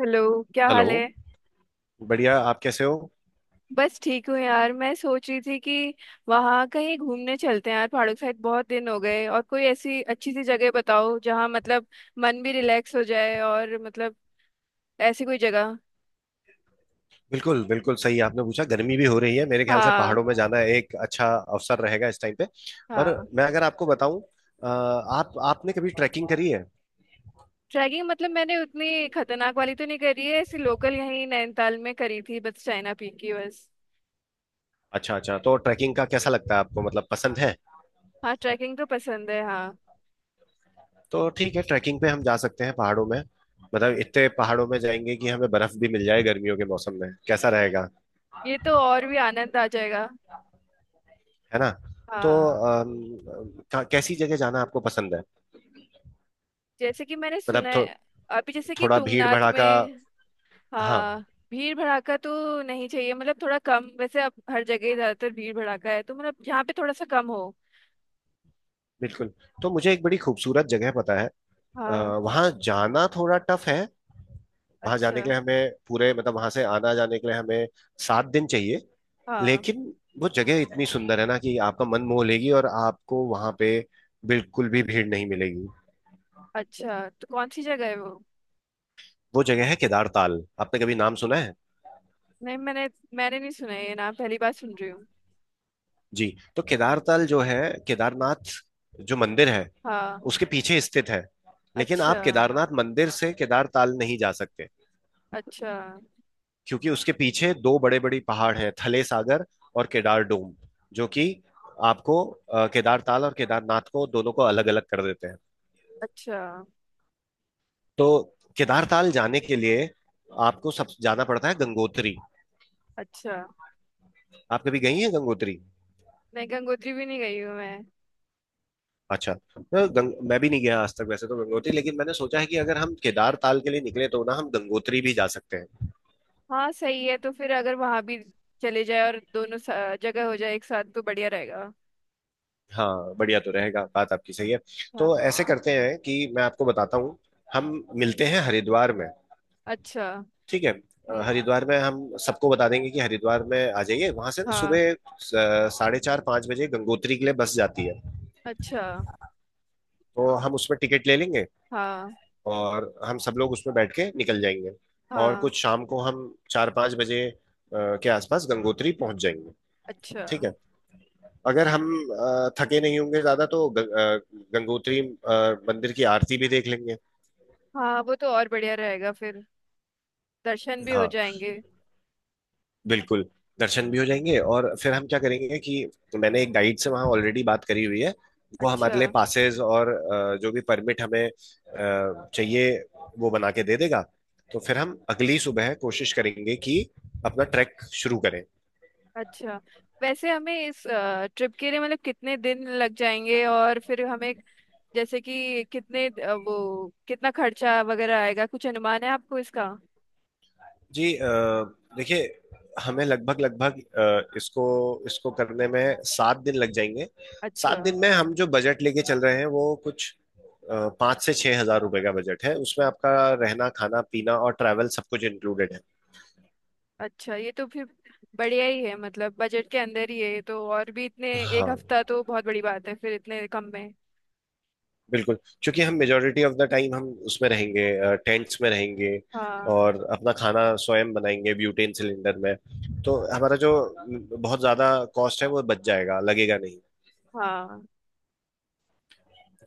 Hello. क्या hello. हाल है। बढ़िया, आप कैसे हो? बस ठीक हूँ यार। मैं सोच रही थी कि वहाँ कहीं घूमने चलते हैं यार, पहाड़ों के साइड, बहुत दिन हो गए। और कोई ऐसी अच्छी सी जगह बताओ जहाँ मतलब मन भी रिलैक्स हो जाए, और मतलब ऐसी कोई जगह। बिल्कुल बिल्कुल सही आपने पूछा। गर्मी भी हो रही है, मेरे ख्याल से हाँ। पहाड़ों में जाना एक अच्छा अवसर रहेगा इस टाइम पे। और हाँ। मैं अगर आपको बताऊं, आप आपने कभी ट्रैकिंग करी है? ट्रैकिंग मतलब मैंने उतनी खतरनाक वाली तो नहीं करी है, ऐसी लोकल यहीं नैनीताल में करी थी, बस चाइना पीक की, बस। अच्छा अच्छा, तो ट्रैकिंग का कैसा लगता है आपको, मतलब पसंद है? हाँ, ट्रैकिंग तो पसंद है, हाँ। तो ठीक है, ट्रैकिंग पे हम जा सकते हैं पहाड़ों में। मतलब इतने पहाड़ों में जाएंगे कि हमें बर्फ भी मिल जाए गर्मियों के मौसम में, कैसा रहेगा? ये तो और भी आनंद आ जाएगा। है ना? तो हाँ। कैसी जगह जाना आपको पसंद है? जैसे कि मैंने सुना मतलब है, अभी जैसे कि थोड़ा भीड़ तुंगनाथ भड़ाका। में। हाँ। हाँ। भीड़ भड़ाका तो नहीं चाहिए, मतलब थोड़ा कम। वैसे अब हर जगह ही ज्यादातर भीड़ भड़ाका है, तो मतलब यहाँ पे थोड़ा सा कम हो। बिल्कुल। तो मुझे एक बड़ी खूबसूरत जगह पता है। हाँ। वहां जाना थोड़ा टफ है। वहां जाने अच्छा। के लिए हमें पूरे, मतलब वहां से आना जाने के लिए हमें 7 दिन चाहिए। हाँ। लेकिन वो जगह इतनी सुंदर है ना, कि आपका मन मोह लेगी, और आपको वहां पे बिल्कुल भी भीड़ नहीं मिलेगी। अच्छा। तो कौन सी जगह है वो। वो जगह है केदारताल, आपने कभी नाम सुना है? नहीं, मैंने मैंने नहीं सुना है, ये नाम पहली बार सुन रही हूँ। जी। तो केदारताल जो है, केदारनाथ जो मंदिर है हाँ। उसके पीछे स्थित है। लेकिन अच्छा, आप केदारनाथ मंदिर से केदारताल नहीं जा सकते, अच्छा। क्योंकि उसके पीछे दो बड़े बड़ी पहाड़ है, थले सागर और केदार डूम, जो कि आपको केदार ताल और केदारनाथ को, दोनों को अलग अलग कर देते हैं। अच्छा, तो केदार ताल जाने के लिए आपको सब जाना पड़ता है, गंगोत्री। अच्छा। आप कभी गई हैं गंगोत्री? नहीं, गंगोत्री भी नहीं गई हूँ मैं। अच्छा, तो मैं भी नहीं गया आज तक वैसे तो गंगोत्री, लेकिन मैंने सोचा है कि अगर हम केदार ताल के लिए निकले तो ना हम गंगोत्री भी जा सकते हैं। हाँ, सही है, तो फिर अगर वहां भी चले जाए और दोनों जगह हो जाए एक साथ तो बढ़िया रहेगा। हाँ, बढ़िया तो रहेगा, बात आपकी सही है। हाँ। तो ऐसे करते हैं कि मैं आपको बताता हूँ। हम मिलते हैं हरिद्वार में, अच्छा। ठीक है? हम्म। हरिद्वार में हम सबको बता देंगे कि हरिद्वार में आ जाइए, वहां से ना हाँ। सुबह 4:30-5 बजे गंगोत्री के लिए बस जाती है। अच्छा। तो हम उसमें टिकट ले लेंगे, हाँ। और हम सब लोग उसमें बैठ के निकल जाएंगे। और हाँ। कुछ शाम को हम 4-5 बजे के आसपास गंगोत्री पहुंच जाएंगे, अच्छा। ठीक है। अगर हम थके नहीं होंगे ज्यादा तो गंगोत्री मंदिर की आरती भी देख लेंगे। हाँ, वो तो और बढ़िया रहेगा। फिर दर्शन भी हो हाँ, जाएंगे। बिल्कुल। दर्शन भी हो जाएंगे। और फिर हम क्या करेंगे कि मैंने एक गाइड से वहाँ ऑलरेडी बात करी हुई है। वो अच्छा। हमारे लिए पासेस और जो भी परमिट हमें चाहिए वो बना के दे देगा। तो फिर हम अगली सुबह कोशिश करेंगे कि अपना ट्रैक शुरू करें। अच्छा, वैसे हमें इस ट्रिप के लिए मतलब कितने दिन लग जाएंगे, और फिर हमें जैसे कि वो कितना खर्चा वगैरह आएगा, कुछ अनुमान है आपको इसका। जी, देखिए, हमें लगभग लगभग इसको इसको करने में 7 दिन लग जाएंगे। सात अच्छा, दिन में हम जो बजट लेके चल रहे हैं वो कुछ, 5 से 6 हजार रुपए का बजट है, उसमें आपका रहना, खाना पीना और ट्रैवल सब कुछ इंक्लूडेड है। अच्छा, ये तो फिर बढ़िया ही है मतलब बजट के अंदर ही है, ये तो और भी इतने। एक हाँ, हफ्ता तो बहुत बड़ी बात है फिर इतने कम में। बिल्कुल। क्योंकि हम मेजोरिटी ऑफ द टाइम हम उसमें रहेंगे, टेंट्स में रहेंगे, हाँ। और अपना खाना स्वयं बनाएंगे ब्यूटेन सिलेंडर में। तो हमारा जो बहुत ज्यादा कॉस्ट है वो बच जाएगा, लगेगा नहीं। हाँ।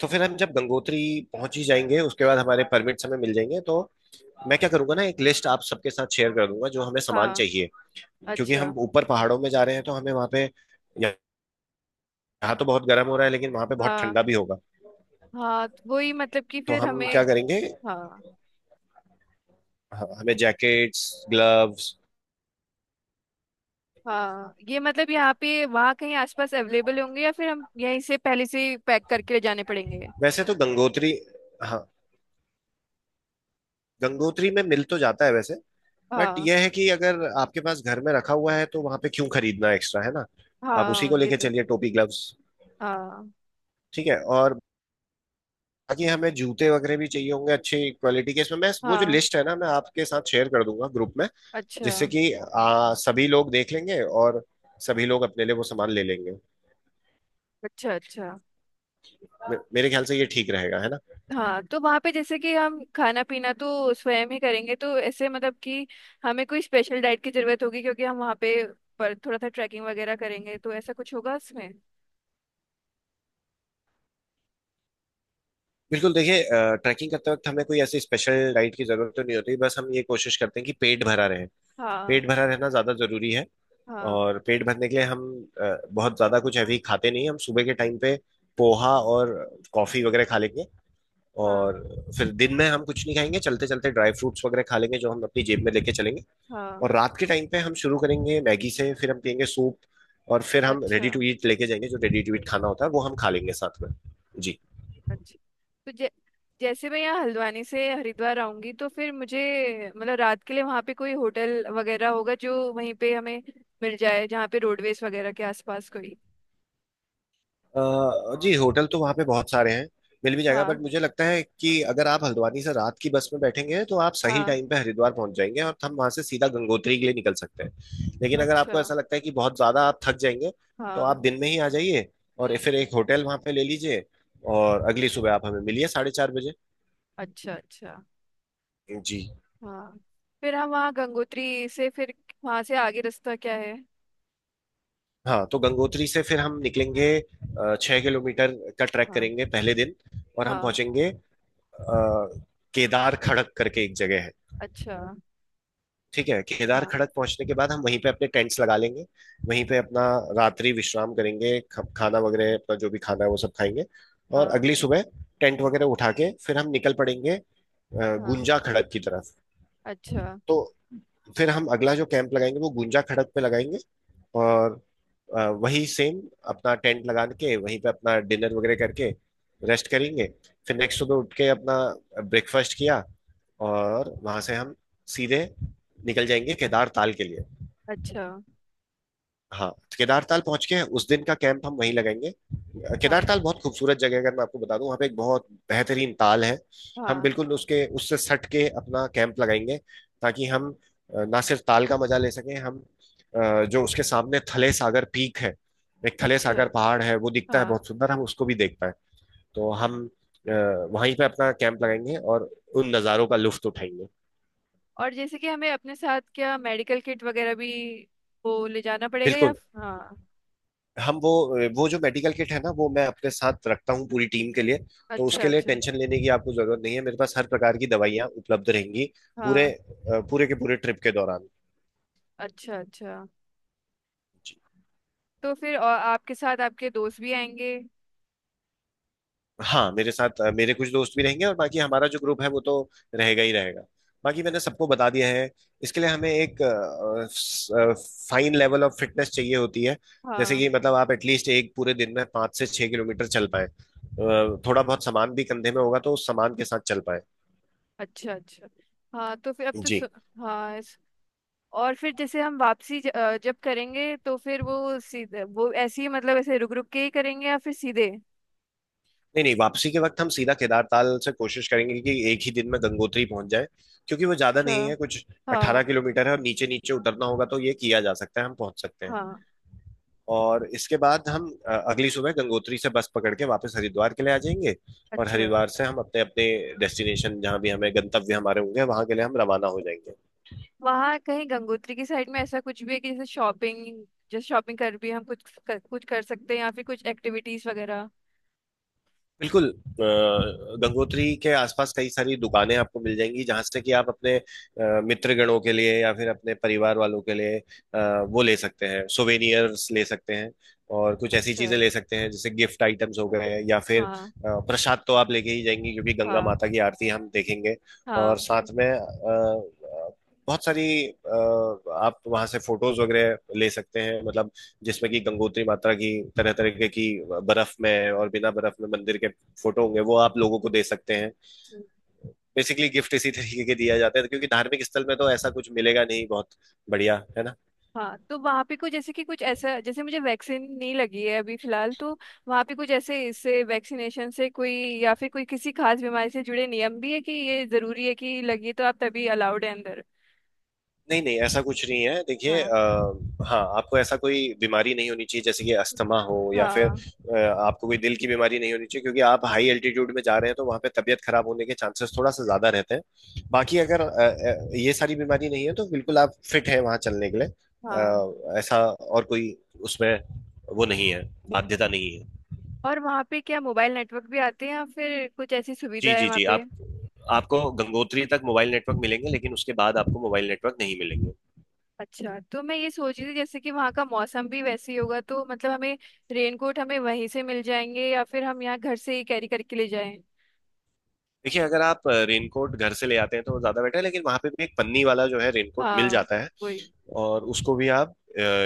तो फिर हम जब गंगोत्री पहुंच ही जाएंगे उसके बाद हमारे परमिट्स हमें मिल जाएंगे, तो मैं क्या करूंगा ना, एक लिस्ट आप सबके साथ शेयर कर दूंगा जो हमें सामान हाँ। चाहिए। क्योंकि अच्छा। हम ऊपर पहाड़ों में जा रहे हैं तो हमें वहाँ पे, यहाँ तो बहुत गर्म हो रहा है लेकिन वहाँ पे बहुत हाँ, ठंडा भी होगा। हाँ, तो वही मतलब कि तो फिर हम हमें। क्या करेंगे, हाँ, हाँ, हमें जैकेट्स, ग्लव्स। हाँ, ये मतलब यहाँ पे वहाँ कहीं आसपास अवेलेबल होंगे या फिर हम यहीं से पहले से पैक करके ले जाने पड़ेंगे। वैसे तो गंगोत्री, हाँ, गंगोत्री में मिल तो जाता है वैसे, बट हाँ, यह है कि अगर आपके पास घर में रखा हुआ है तो वहाँ पे क्यों खरीदना, एक्स्ट्रा है ना। आप उसी हाँ, को ये लेके तो। चलिए, टोपी, ग्लव्स। हाँ। ठीक है। और बाकी हमें जूते वगैरह भी चाहिए होंगे अच्छी क्वालिटी के। इसमें मैं वो जो हाँ। लिस्ट है ना मैं आपके साथ शेयर कर दूंगा ग्रुप में, अच्छा, जिससे कि सभी लोग देख लेंगे, और सभी लोग अपने लिए वो सामान ले लेंगे। अच्छा। अच्छा। मेरे ख्याल से ये ठीक रहेगा, है ना? हाँ, तो वहाँ पे जैसे कि हम खाना पीना तो स्वयं ही करेंगे, तो ऐसे मतलब कि हमें कोई स्पेशल डाइट की जरूरत होगी, क्योंकि हम वहाँ पे पर थोड़ा सा ट्रैकिंग वगैरह करेंगे, तो ऐसा कुछ होगा इसमें। बिल्कुल। देखिए, ट्रैकिंग करते वक्त हमें कोई ऐसी स्पेशल डाइट की जरूरत तो नहीं होती, बस हम ये कोशिश करते हैं कि पेट भरा रहे। हाँ। पेट भरा रहना ज्यादा जरूरी है। हाँ। और पेट भरने के लिए हम बहुत ज्यादा कुछ हैवी खाते नहीं हैं। हम सुबह के टाइम पे पोहा और कॉफी वगैरह खा लेंगे। हाँ। और फिर दिन में हम कुछ नहीं खाएंगे, चलते चलते ड्राई फ्रूट्स वगैरह खा लेंगे जो हम अपनी जेब में लेके चलेंगे। हाँ। और रात के टाइम पे हम शुरू करेंगे मैगी से, फिर हम पियेंगे सूप। और फिर हम अच्छा, रेडी टू ईट लेके जाएंगे, जो रेडी टू ईट खाना होता है वो हम खा लेंगे साथ में। जी। अच्छा। तो जैसे मैं यहाँ हल्द्वानी से हरिद्वार आऊंगी, तो फिर मुझे मतलब रात के लिए वहाँ पे कोई होटल वगैरह होगा, जो वहीं पे हमें मिल जाए, जहाँ पे रोडवेज वगैरह के आसपास कोई। जी, होटल तो वहाँ पे बहुत सारे हैं, मिल भी जाएगा, बट हाँ। मुझे लगता है कि अगर आप हल्द्वानी से रात की बस में बैठेंगे तो आप सही हाँ। टाइम पे हरिद्वार पहुंच जाएंगे, और हम वहाँ से सीधा गंगोत्री के लिए निकल सकते हैं। लेकिन अगर अच्छा। आपको ऐसा लगता है कि बहुत ज़्यादा आप थक जाएंगे, तो आप हाँ। दिन में ही आ जाइए, और फिर एक होटल वहाँ पे ले लीजिए, और अगली सुबह आप हमें मिलिए 4:30 बजे। अच्छा। अच्छा। जी। हाँ, फिर हम वहाँ गंगोत्री से, फिर वहाँ से आगे रास्ता क्या है। हाँ, तो गंगोत्री से फिर हम निकलेंगे, 6 किलोमीटर का ट्रैक हाँ। करेंगे पहले दिन। और हम हाँ। पहुँचेंगे केदार खड़क करके एक जगह है, अच्छा। ठीक है। केदार हाँ। खड़क पहुंचने के बाद हम वहीं पे अपने टेंट्स लगा लेंगे, वहीं पे अपना रात्रि विश्राम करेंगे, खाना वगैरह, अपना जो भी खाना है वो सब खाएंगे। और हाँ। अगली सुबह टेंट वगैरह उठा के फिर हम निकल पड़ेंगे हाँ। गुंजा खड़क की तरफ। अच्छा। तो फिर हम अगला जो कैंप लगाएंगे वो गुंजा खड़क पे लगाएंगे। और वही सेम अपना टेंट लगा के वहीं पे अपना डिनर वगैरह करके रेस्ट करेंगे। फिर नेक्स्ट सुबह उठ के अपना ब्रेकफास्ट किया, और वहां से हम सीधे निकल जाएंगे केदार ताल के लिए। अच्छा। हाँ। केदारताल पहुंच के उस दिन का कैंप हम वहीं लगाएंगे। हाँ। केदारताल बहुत खूबसूरत जगह है, अगर मैं आपको बता दूं, वहाँ पे एक बहुत बेहतरीन ताल है। हम हाँ। बिल्कुल उसके, उससे सट के अपना कैंप लगाएंगे, ताकि हम ना सिर्फ ताल का मजा ले सकें, हम जो उसके सामने थले सागर पीक है, एक थले सागर अच्छा। पहाड़ है वो दिखता है हाँ। बहुत सुंदर, हम उसको भी देख पाए। तो हम अ, वहीं पे अपना कैंप लगाएंगे, और उन नज़ारों का लुत्फ उठाएंगे। और जैसे कि हमें अपने साथ क्या मेडिकल किट वगैरह भी वो ले जाना पड़ेगा, या बिल्कुल। हाँ। हम वो जो मेडिकल किट है ना, वो मैं अपने साथ रखता हूँ पूरी टीम के लिए। तो अच्छा, उसके लिए अच्छा। टेंशन लेने की आपको जरूरत नहीं है, मेरे पास हर प्रकार की दवाइयाँ उपलब्ध रहेंगी पूरे, हाँ। पूरे के पूरे ट्रिप के दौरान। अच्छा, अच्छा। जी। तो फिर और आपके साथ आपके दोस्त भी आएंगे। हाँ, मेरे साथ मेरे कुछ दोस्त भी रहेंगे, और बाकी हमारा जो ग्रुप है वो तो रहेगा ही रहेगा, बाकी मैंने सबको बता दिया है। इसके लिए हमें एक फाइन लेवल ऑफ फिटनेस चाहिए होती है। जैसे हाँ। कि मतलब आप एटलीस्ट एक पूरे दिन में 5 से 6 किलोमीटर चल पाए, थोड़ा बहुत सामान भी कंधे में होगा तो उस सामान के साथ चल पाए। अच्छा, अच्छा। हाँ, तो फिर अब तो जी। हाँ, और फिर जैसे हम वापसी जब करेंगे, तो फिर वो ऐसे ही मतलब ऐसे रुक रुक के ही करेंगे या फिर सीधे। नहीं नहीं, वापसी के वक्त हम सीधा केदारताल से कोशिश करेंगे कि एक ही दिन में गंगोत्री पहुंच जाए, क्योंकि वो ज्यादा नहीं अच्छा। है कुछ, हाँ। 18 किलोमीटर है, और नीचे नीचे उतरना होगा, तो ये किया जा सकता है, हम पहुंच सकते हैं। हाँ। और इसके बाद हम अगली सुबह गंगोत्री से बस पकड़ के वापस हरिद्वार के लिए आ जाएंगे। और अच्छा। हरिद्वार से हम अपने अपने डेस्टिनेशन, जहाँ भी हमें गंतव्य हमारे होंगे वहां के लिए हम रवाना हो जाएंगे। वहाँ कहीं गंगोत्री की साइड में ऐसा कुछ भी है कि जैसे शॉपिंग कर भी हम कुछ कर सकते हैं, या फिर कुछ एक्टिविटीज वगैरह। बिल्कुल। गंगोत्री के आसपास कई सारी दुकानें आपको मिल जाएंगी, जहां से कि आप अपने मित्रगणों के लिए या फिर अपने परिवार वालों के लिए वो ले सकते हैं, सोवेनियर्स ले सकते हैं। और कुछ ऐसी अच्छा। चीजें ले सकते हैं, जैसे गिफ्ट आइटम्स हो गए, या फिर हाँ। प्रसाद तो आप लेके ही जाएंगी क्योंकि गंगा हाँ। माता की आरती हम देखेंगे। हाँ, और वही। साथ में बहुत सारी आप वहां से फोटोज वगैरह ले सकते हैं, मतलब जिसमें कि गंगोत्री माता की तरह तरह की बर्फ में और बिना बर्फ में मंदिर के फोटो होंगे, वो आप लोगों को दे सकते हैं। हम्म। बेसिकली गिफ्ट इसी तरीके के दिया जाता है क्योंकि धार्मिक स्थल में तो ऐसा कुछ मिलेगा नहीं बहुत। बढ़िया है ना। हाँ, तो वहाँ पे कुछ जैसे कि कुछ ऐसा, जैसे मुझे वैक्सीन नहीं लगी है अभी फिलहाल, तो वहाँ पे कुछ ऐसे इससे वैक्सीनेशन से कोई, या फिर कोई किसी खास बीमारी से जुड़े नियम भी है कि ये जरूरी है कि लगी तो आप तभी अलाउड है अंदर। नहीं नहीं ऐसा कुछ नहीं है, देखिए, हाँ। हाँ, आपको ऐसा कोई बीमारी नहीं होनी चाहिए, जैसे कि हम्म। अस्थमा हो, या फिर हाँ। आपको कोई दिल की बीमारी नहीं होनी चाहिए, क्योंकि आप हाई एल्टीट्यूड में जा रहे हैं तो वहाँ पे तबीयत खराब होने के चांसेस थोड़ा सा ज्यादा रहते हैं। बाकी अगर ये सारी बीमारी नहीं है तो बिल्कुल आप फिट हैं वहाँ चलने के लिए, हाँ। ऐसा और कोई उसमें वो नहीं है, बाध्यता नहीं है। और वहाँ पे क्या मोबाइल नेटवर्क भी आते हैं, या फिर कुछ ऐसी सुविधा जी है जी वहाँ जी, आप पे। आपको गंगोत्री तक मोबाइल नेटवर्क मिलेंगे, लेकिन उसके बाद आपको मोबाइल नेटवर्क नहीं मिलेंगे। अच्छा, तो मैं ये सोच रही थी जैसे कि वहाँ का मौसम भी वैसे ही होगा, तो मतलब हमें रेनकोट हमें वहीं से मिल जाएंगे, या फिर हम यहाँ घर से ही कैरी करके ले जाएं। देखिए, अगर आप रेनकोट घर से ले आते हैं तो ज़्यादा बेटर है, लेकिन वहाँ पे भी एक पन्नी वाला जो है रेनकोट मिल हाँ, जाता है, वही। और उसको भी आप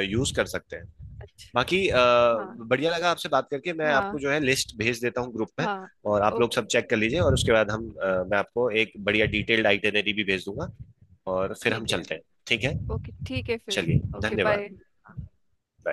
यूज़ कर सकते हैं। अच्छा। बाकी हाँ। बढ़िया लगा आपसे बात करके, मैं हाँ। आपको जो है लिस्ट भेज देता हूँ ग्रुप में, हाँ। और आप लोग ओके। सब चेक कर लीजिए, और उसके बाद हम, मैं आपको एक बढ़िया डिटेल्ड आइटनरी भी भेज दूंगा। और फिर हम ठीक है। चलते हैं। ठीक है? ओके, ठीक है फिर। चलिए। Okay, bye. धन्यवाद।